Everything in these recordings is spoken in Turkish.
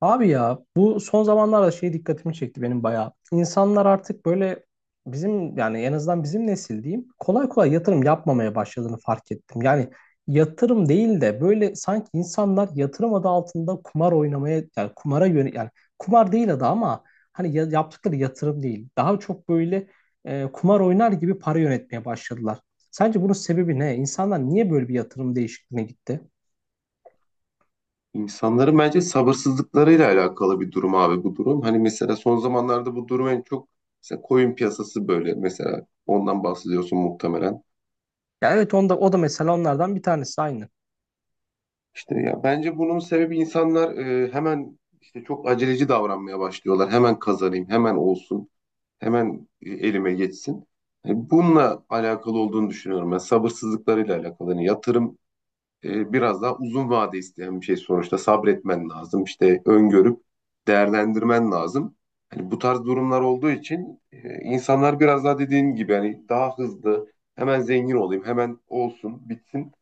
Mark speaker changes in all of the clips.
Speaker 1: Abi ya bu son zamanlarda şey dikkatimi çekti benim bayağı. İnsanlar artık böyle bizim yani en azından bizim nesil diyeyim kolay kolay yatırım yapmamaya başladığını fark ettim. Yani yatırım değil de böyle sanki insanlar yatırım adı altında kumar oynamaya yani kumara yön yani kumar değil adı ama hani yaptıkları yatırım değil. Daha çok böyle kumar oynar gibi para yönetmeye başladılar. Sence bunun sebebi ne? İnsanlar niye böyle bir yatırım değişikliğine gitti?
Speaker 2: İnsanların bence sabırsızlıklarıyla alakalı bir durum abi bu durum. Hani mesela son zamanlarda bu durum en çok mesela koyun piyasası böyle mesela ondan bahsediyorsun muhtemelen.
Speaker 1: Ya evet, onda, o da mesela onlardan bir tanesi aynı.
Speaker 2: İşte ya bence bunun sebebi insanlar hemen işte çok aceleci davranmaya başlıyorlar. Hemen kazanayım, hemen olsun, hemen elime geçsin. Bununla alakalı olduğunu düşünüyorum ben. Sabırsızlıklarıyla alakalı. Hani yatırım biraz daha uzun vade isteyen bir şey sonuçta. Sabretmen lazım. İşte öngörüp değerlendirmen lazım. Hani bu tarz durumlar olduğu için insanlar biraz daha dediğin gibi hani daha hızlı hemen zengin olayım, hemen olsun, bitsin.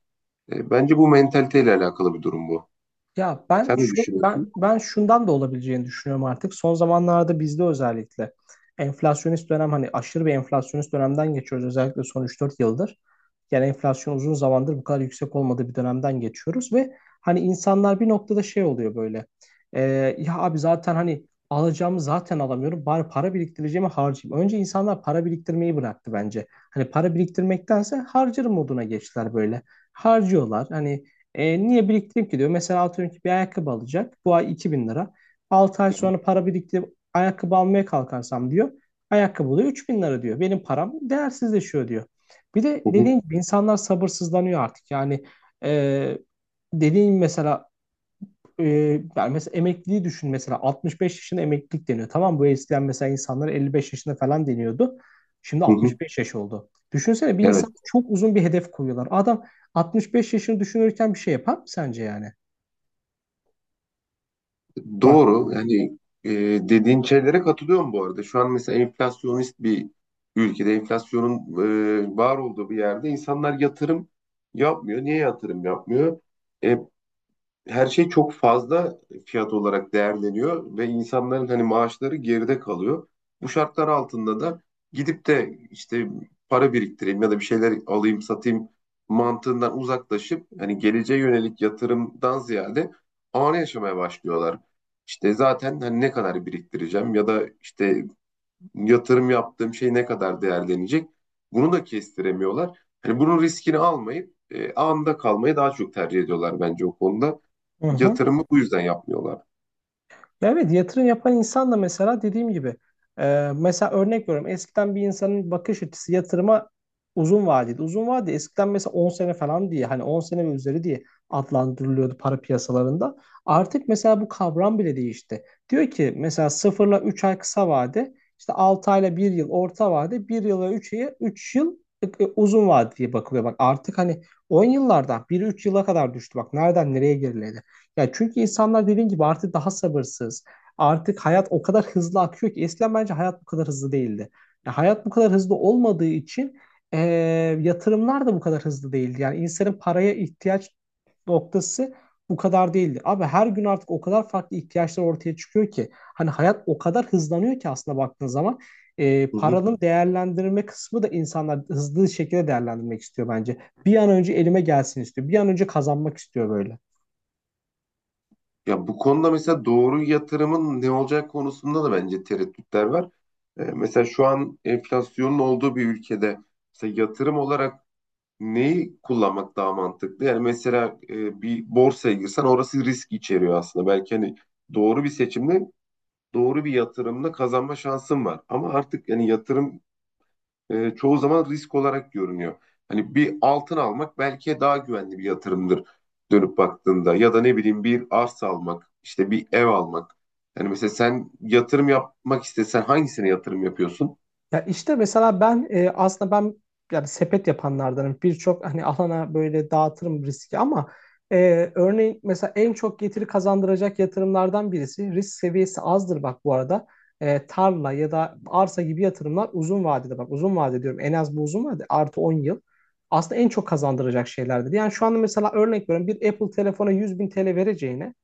Speaker 2: Bence bu mentaliteyle alakalı bir durum bu.
Speaker 1: Ya ben
Speaker 2: Sen ne
Speaker 1: şu ben
Speaker 2: düşünüyorsun?
Speaker 1: ben şundan da olabileceğini düşünüyorum artık. Son zamanlarda bizde özellikle enflasyonist dönem hani aşırı bir enflasyonist dönemden geçiyoruz özellikle son üç dört yıldır. Yani enflasyon uzun zamandır bu kadar yüksek olmadığı bir dönemden geçiyoruz ve hani insanlar bir noktada şey oluyor böyle. Ee, ya abi zaten hani alacağımı zaten alamıyorum. Bari para biriktireceğimi harcayayım. Önce insanlar para biriktirmeyi bıraktı bence. Hani para biriktirmektense harcarım moduna geçtiler böyle. Harcıyorlar. Hani niye biriktireyim ki diyor. Mesela atıyorum ki bir ayakkabı alacak. Bu ay 2.000 lira. 6 ay sonra para biriktirip ayakkabı almaya kalkarsam diyor. Ayakkabı da 3.000 lira diyor. Benim param değersizleşiyor diyor. Bir de
Speaker 2: Hı hı,
Speaker 1: dediğin gibi insanlar sabırsızlanıyor artık. Yani e, dediğin mesela e, yani mesela emekliliği düşün, mesela 65 yaşında emeklilik deniyor. Tamam mı? Bu eskiden mesela insanlar 55 yaşında falan deniyordu. Şimdi
Speaker 2: hı hı.
Speaker 1: 65 yaş oldu. Düşünsene, bir
Speaker 2: Evet.
Speaker 1: insan çok uzun bir hedef koyuyorlar. Adam 65 yaşını düşünürken bir şey yapar mı sence yani? Bak.
Speaker 2: Doğru. Yani e, dediğin şeylere katılıyorum bu arada. Şu an mesela enflasyonist bir ülkede, enflasyonun var olduğu bir yerde insanlar yatırım yapmıyor. Niye yatırım yapmıyor? E, her şey çok fazla fiyat olarak değerleniyor ve insanların hani maaşları geride kalıyor. Bu şartlar altında da gidip de işte para biriktireyim ya da bir şeyler alayım satayım mantığından uzaklaşıp hani geleceğe yönelik yatırımdan ziyade anı yaşamaya başlıyorlar. İşte zaten hani ne kadar biriktireceğim ya da işte yatırım yaptığım şey ne kadar değerlenecek? Bunu da kestiremiyorlar. Hani bunun riskini almayıp anda kalmayı daha çok tercih ediyorlar bence o konuda.
Speaker 1: Hı hı.
Speaker 2: Yatırımı bu yüzden yapmıyorlar.
Speaker 1: Evet, yatırım yapan insan da mesela dediğim gibi mesela örnek veriyorum, eskiden bir insanın bakış açısı yatırıma uzun vadeli. Uzun vade eskiden mesela 10 sene falan diye, hani 10 sene ve üzeri diye adlandırılıyordu para piyasalarında. Artık mesela bu kavram bile değişti. Diyor ki mesela sıfırla 3 ay kısa vade, işte 6 ayla bir yıl orta vade, bir yıla üç yıl uzun vade diye bakılıyor. Bak artık hani 10 yıllardan 1 üç yıla kadar düştü. Bak nereden nereye geriledi. Ya çünkü insanlar dediğin gibi artık daha sabırsız. Artık hayat o kadar hızlı akıyor ki eskiden bence hayat bu kadar hızlı değildi. Ya hayat bu kadar hızlı olmadığı için eee, yatırımlar da bu kadar hızlı değildi. Yani insanın paraya ihtiyaç noktası bu kadar değildi. Abi her gün artık o kadar farklı ihtiyaçlar ortaya çıkıyor ki hani hayat o kadar hızlanıyor ki aslında baktığın zaman
Speaker 2: Hı hı.
Speaker 1: paranın değerlendirme kısmı da insanlar hızlı şekilde değerlendirmek istiyor bence. Bir an önce elime gelsin istiyor. Bir an önce kazanmak istiyor böyle.
Speaker 2: Ya bu konuda mesela doğru yatırımın ne olacak konusunda da bence tereddütler var. Mesela şu an enflasyonun olduğu bir ülkede mesela yatırım olarak neyi kullanmak daha mantıklı? Yani mesela bir borsaya girsen orası risk içeriyor aslında. Belki hani doğru bir seçimle doğru bir yatırımla kazanma şansın var. Ama artık yani yatırım çoğu zaman risk olarak görünüyor. Hani bir altın almak belki daha güvenli bir yatırımdır dönüp baktığında ya da ne bileyim bir arsa almak, işte bir ev almak. Yani mesela sen yatırım yapmak istesen hangisine yatırım yapıyorsun?
Speaker 1: Ya işte mesela ben aslında ben yani sepet yapanlardanım. Birçok hani alana böyle dağıtırım riski ama örneğin mesela en çok getiri kazandıracak yatırımlardan birisi risk seviyesi azdır, bak bu arada. Tarla ya da arsa gibi yatırımlar uzun vadede, bak uzun vade diyorum, en az bu uzun vade artı 10 yıl aslında en çok kazandıracak şeylerdir. Yani şu anda mesela örnek veriyorum, bir Apple telefona 100 bin TL vereceğine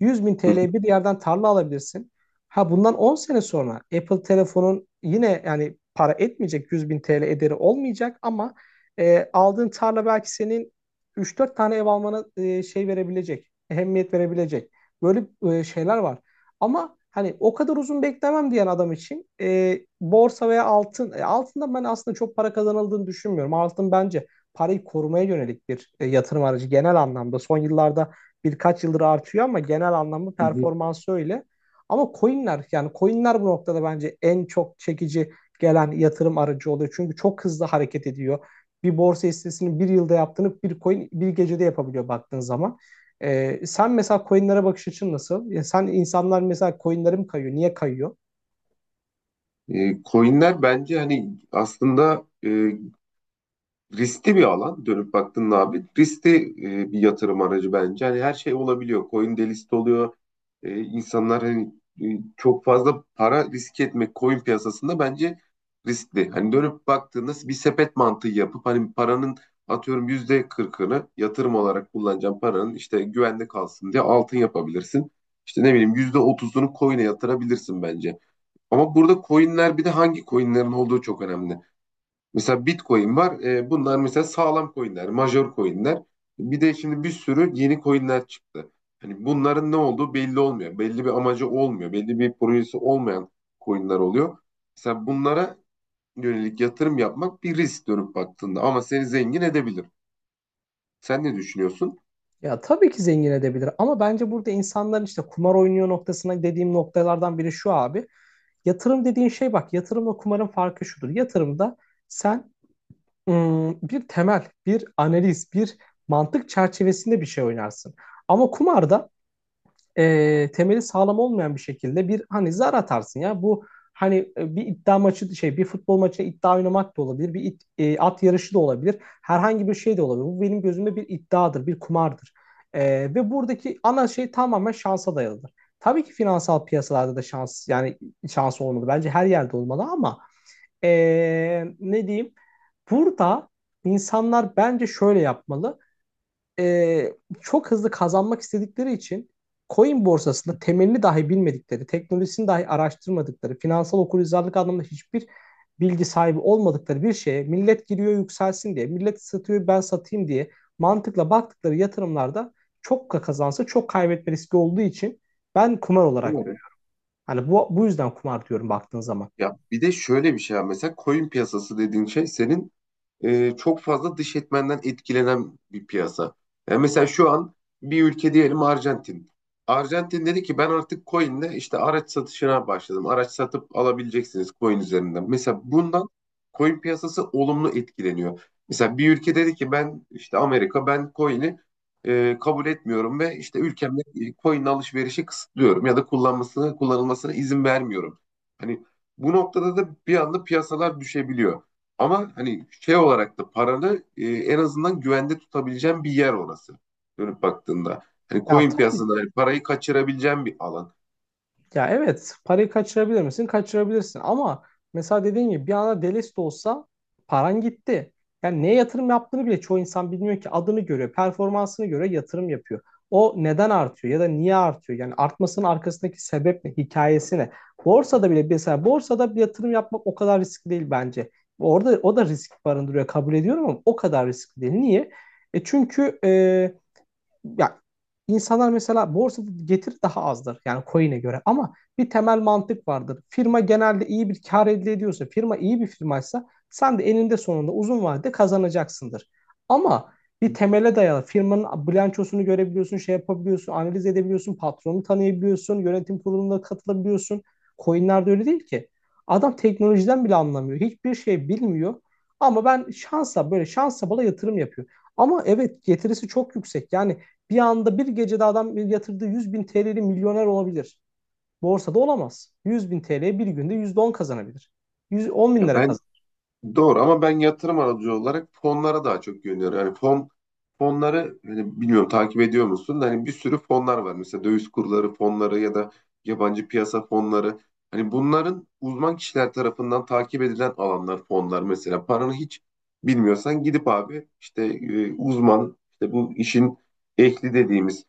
Speaker 1: 100 bin
Speaker 2: Hı hı.
Speaker 1: TL'ye bir yerden tarla alabilirsin. Ha bundan 10 sene sonra Apple telefonun yine yani para etmeyecek, 100 bin TL ederi olmayacak ama aldığın tarla belki senin üç dört tane ev almana şey verebilecek, ehemmiyet verebilecek. Böyle şeyler var. Ama hani o kadar uzun beklemem diyen adam için borsa veya altın, altından ben aslında çok para kazanıldığını düşünmüyorum. Altın bence parayı korumaya yönelik bir yatırım aracı genel anlamda. Son yıllarda birkaç yıldır artıyor ama genel anlamda
Speaker 2: Hı hı.
Speaker 1: performansı öyle. Ama coinler yani coinler bu noktada bence en çok çekici gelen yatırım aracı oluyor. Çünkü çok hızlı hareket ediyor. Bir borsa hissesinin bir yılda yaptığını bir coin bir gecede yapabiliyor baktığın zaman. Sen mesela coinlere bakış açın nasıl? Ya sen, insanlar mesela coinlere mi kayıyor? Niye kayıyor?
Speaker 2: Coinler bence hani aslında riskli bir alan dönüp baktın abi. Riskli bir yatırım aracı bence. Hani her şey olabiliyor. Coin de list oluyor. E, insanlar hani e, çok fazla para riske etmek coin piyasasında bence riskli. Hani dönüp baktığında bir sepet mantığı yapıp hani paranın atıyorum %40'ını yatırım olarak kullanacağım paranın işte güvende kalsın diye altın yapabilirsin. İşte ne bileyim %30'unu coin'e yatırabilirsin bence. Ama burada coin'ler bir de hangi coin'lerin olduğu çok önemli. Mesela Bitcoin var. Bunlar mesela sağlam coinler, major coinler. Bir de şimdi bir sürü yeni coinler çıktı. Hani bunların ne olduğu belli olmuyor. Belli bir amacı olmuyor. Belli bir projesi olmayan coinler oluyor. Mesela bunlara yönelik yatırım yapmak bir risk dönüp baktığında ama seni zengin edebilir. Sen ne düşünüyorsun?
Speaker 1: Ya tabii ki zengin edebilir ama bence burada insanların işte kumar oynuyor noktasına dediğim noktalardan biri şu abi. Yatırım dediğin şey bak, yatırımla kumarın farkı şudur. Yatırımda sen bir temel, bir analiz, bir mantık çerçevesinde bir şey oynarsın. Ama kumarda temeli sağlam olmayan bir şekilde bir hani zar atarsın ya. Bu hani bir iddia maçı şey bir futbol maçı iddia oynamak da olabilir. Bir at yarışı da olabilir. Herhangi bir şey de olabilir. Bu benim gözümde bir iddiadır, bir kumardır. E, ve buradaki ana şey tamamen şansa dayalıdır. Tabii ki finansal piyasalarda da şans yani şans olmalı. Bence her yerde olmalı ama e, ne diyeyim? Burada insanlar bence şöyle yapmalı, e, çok hızlı kazanmak istedikleri için coin borsasında temelini dahi bilmedikleri, teknolojisini dahi araştırmadıkları, finansal okuryazarlık anlamında hiçbir bilgi sahibi olmadıkları bir şeye millet giriyor yükselsin diye, millet satıyor ben satayım diye mantıkla baktıkları yatırımlarda çok kazansa çok kaybetme riski olduğu için ben kumar olarak
Speaker 2: Doğru.
Speaker 1: görüyorum. Hani bu yüzden kumar diyorum baktığın zaman.
Speaker 2: Ya bir de şöyle bir şey var. Mesela coin piyasası dediğin şey senin çok fazla dış etmenden etkilenen bir piyasa. Yani mesela şu an bir ülke diyelim Arjantin. Arjantin dedi ki ben artık coin'le işte araç satışına başladım. Araç satıp alabileceksiniz coin üzerinden. Mesela bundan coin piyasası olumlu etkileniyor. Mesela bir ülke dedi ki ben işte Amerika ben coin'i kabul etmiyorum ve işte ülkemde coin alışverişi kısıtlıyorum ya da kullanılmasına izin vermiyorum. Hani bu noktada da bir anda piyasalar düşebiliyor. Ama hani şey olarak da paranı en azından güvende tutabileceğin bir yer orası. Dönüp baktığında. Hani
Speaker 1: Ya
Speaker 2: coin
Speaker 1: tabii.
Speaker 2: piyasasında hani parayı kaçırabileceğin bir alan.
Speaker 1: Ya evet, parayı kaçırabilir misin? Kaçırabilirsin ama mesela dediğin gibi bir anda delist olsa paran gitti. Yani neye yatırım yaptığını bile çoğu insan bilmiyor ki, adını görüyor, performansını göre yatırım yapıyor. O neden artıyor ya da niye artıyor? Yani artmasının arkasındaki sebep ne, hikayesi ne? Borsada bile mesela borsada bir yatırım yapmak o kadar riskli değil bence. Orada o da risk barındırıyor, kabul ediyorum, ama o kadar riskli değil. Niye? Çünkü ya, insanlar mesela borsada getiri daha azdır yani coin'e göre ama bir temel mantık vardır. Firma genelde iyi bir kar elde ediyorsa, firma iyi bir firmaysa sen de eninde sonunda uzun vadede kazanacaksındır. Ama bir temele dayalı firmanın bilançosunu görebiliyorsun, şey yapabiliyorsun, analiz edebiliyorsun, patronu tanıyabiliyorsun, yönetim kuruluna katılabiliyorsun. Coin'lerde öyle değil ki. Adam teknolojiden bile anlamıyor. Hiçbir şey bilmiyor. Ama ben şansa, böyle şansa bala yatırım yapıyor. Ama evet, getirisi çok yüksek. Yani bir anda bir gecede adam yatırdığı 100 bin TL'li milyoner olabilir. Borsada olamaz. 100 bin TL bir günde %10 kazanabilir. 100 10 bin
Speaker 2: Ya
Speaker 1: lira kazanabilir.
Speaker 2: doğru ama ben yatırım aracı olarak fonlara daha çok yöneliyorum. Yani fon fonları hani bilmiyorum takip ediyor musun? Da hani bir sürü fonlar var. Mesela döviz kurları fonları ya da yabancı piyasa fonları. Hani bunların uzman kişiler tarafından takip edilen alanlar fonlar. Mesela paranı hiç bilmiyorsan gidip abi işte uzman işte bu işin ehli dediğimiz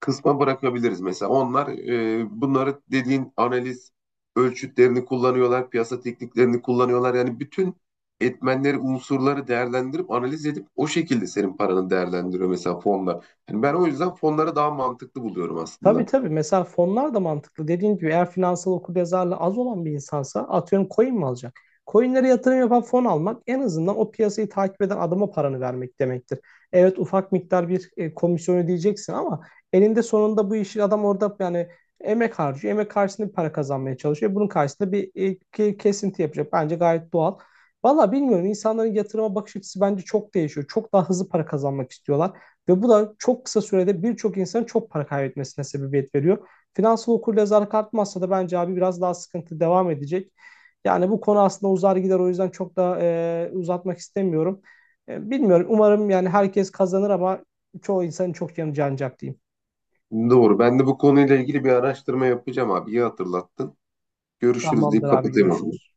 Speaker 2: kısma bırakabiliriz mesela. Onlar bunları dediğin analiz ölçütlerini kullanıyorlar, piyasa tekniklerini kullanıyorlar. Yani bütün etmenleri, unsurları değerlendirip analiz edip o şekilde senin paranı değerlendiriyor mesela fonlar. Yani ben o yüzden fonları daha mantıklı buluyorum
Speaker 1: Tabii,
Speaker 2: aslında.
Speaker 1: tabii. Mesela fonlar da mantıklı. Dediğim gibi eğer finansal okuryazarlığı az olan bir insansa, atıyorum, coin mi alacak? Coinlere yatırım yapan fon almak en azından o piyasayı takip eden adama paranı vermek demektir. Evet, ufak miktar bir komisyon ödeyeceksin ama elinde sonunda bu işi adam orada yani emek harcıyor. Emek karşısında bir para kazanmaya çalışıyor. Bunun karşısında bir kesinti yapacak. Bence gayet doğal. Valla bilmiyorum, insanların yatırıma bakış açısı bence çok değişiyor. Çok daha hızlı para kazanmak istiyorlar. Ve bu da çok kısa sürede birçok insanın çok para kaybetmesine sebebiyet veriyor. Finansal okuryazarlık artmazsa da bence abi biraz daha sıkıntı devam edecek. Yani bu konu aslında uzar gider, o yüzden çok da uzatmak istemiyorum. Bilmiyorum, umarım yani herkes kazanır ama çoğu insanın çok yanı canacak diyeyim.
Speaker 2: Doğru. Ben de bu konuyla ilgili bir araştırma yapacağım abi. İyi hatırlattın. Görüşürüz
Speaker 1: Tamamdır
Speaker 2: deyip
Speaker 1: abi,
Speaker 2: kapatayım o zaman.
Speaker 1: görüşürüz.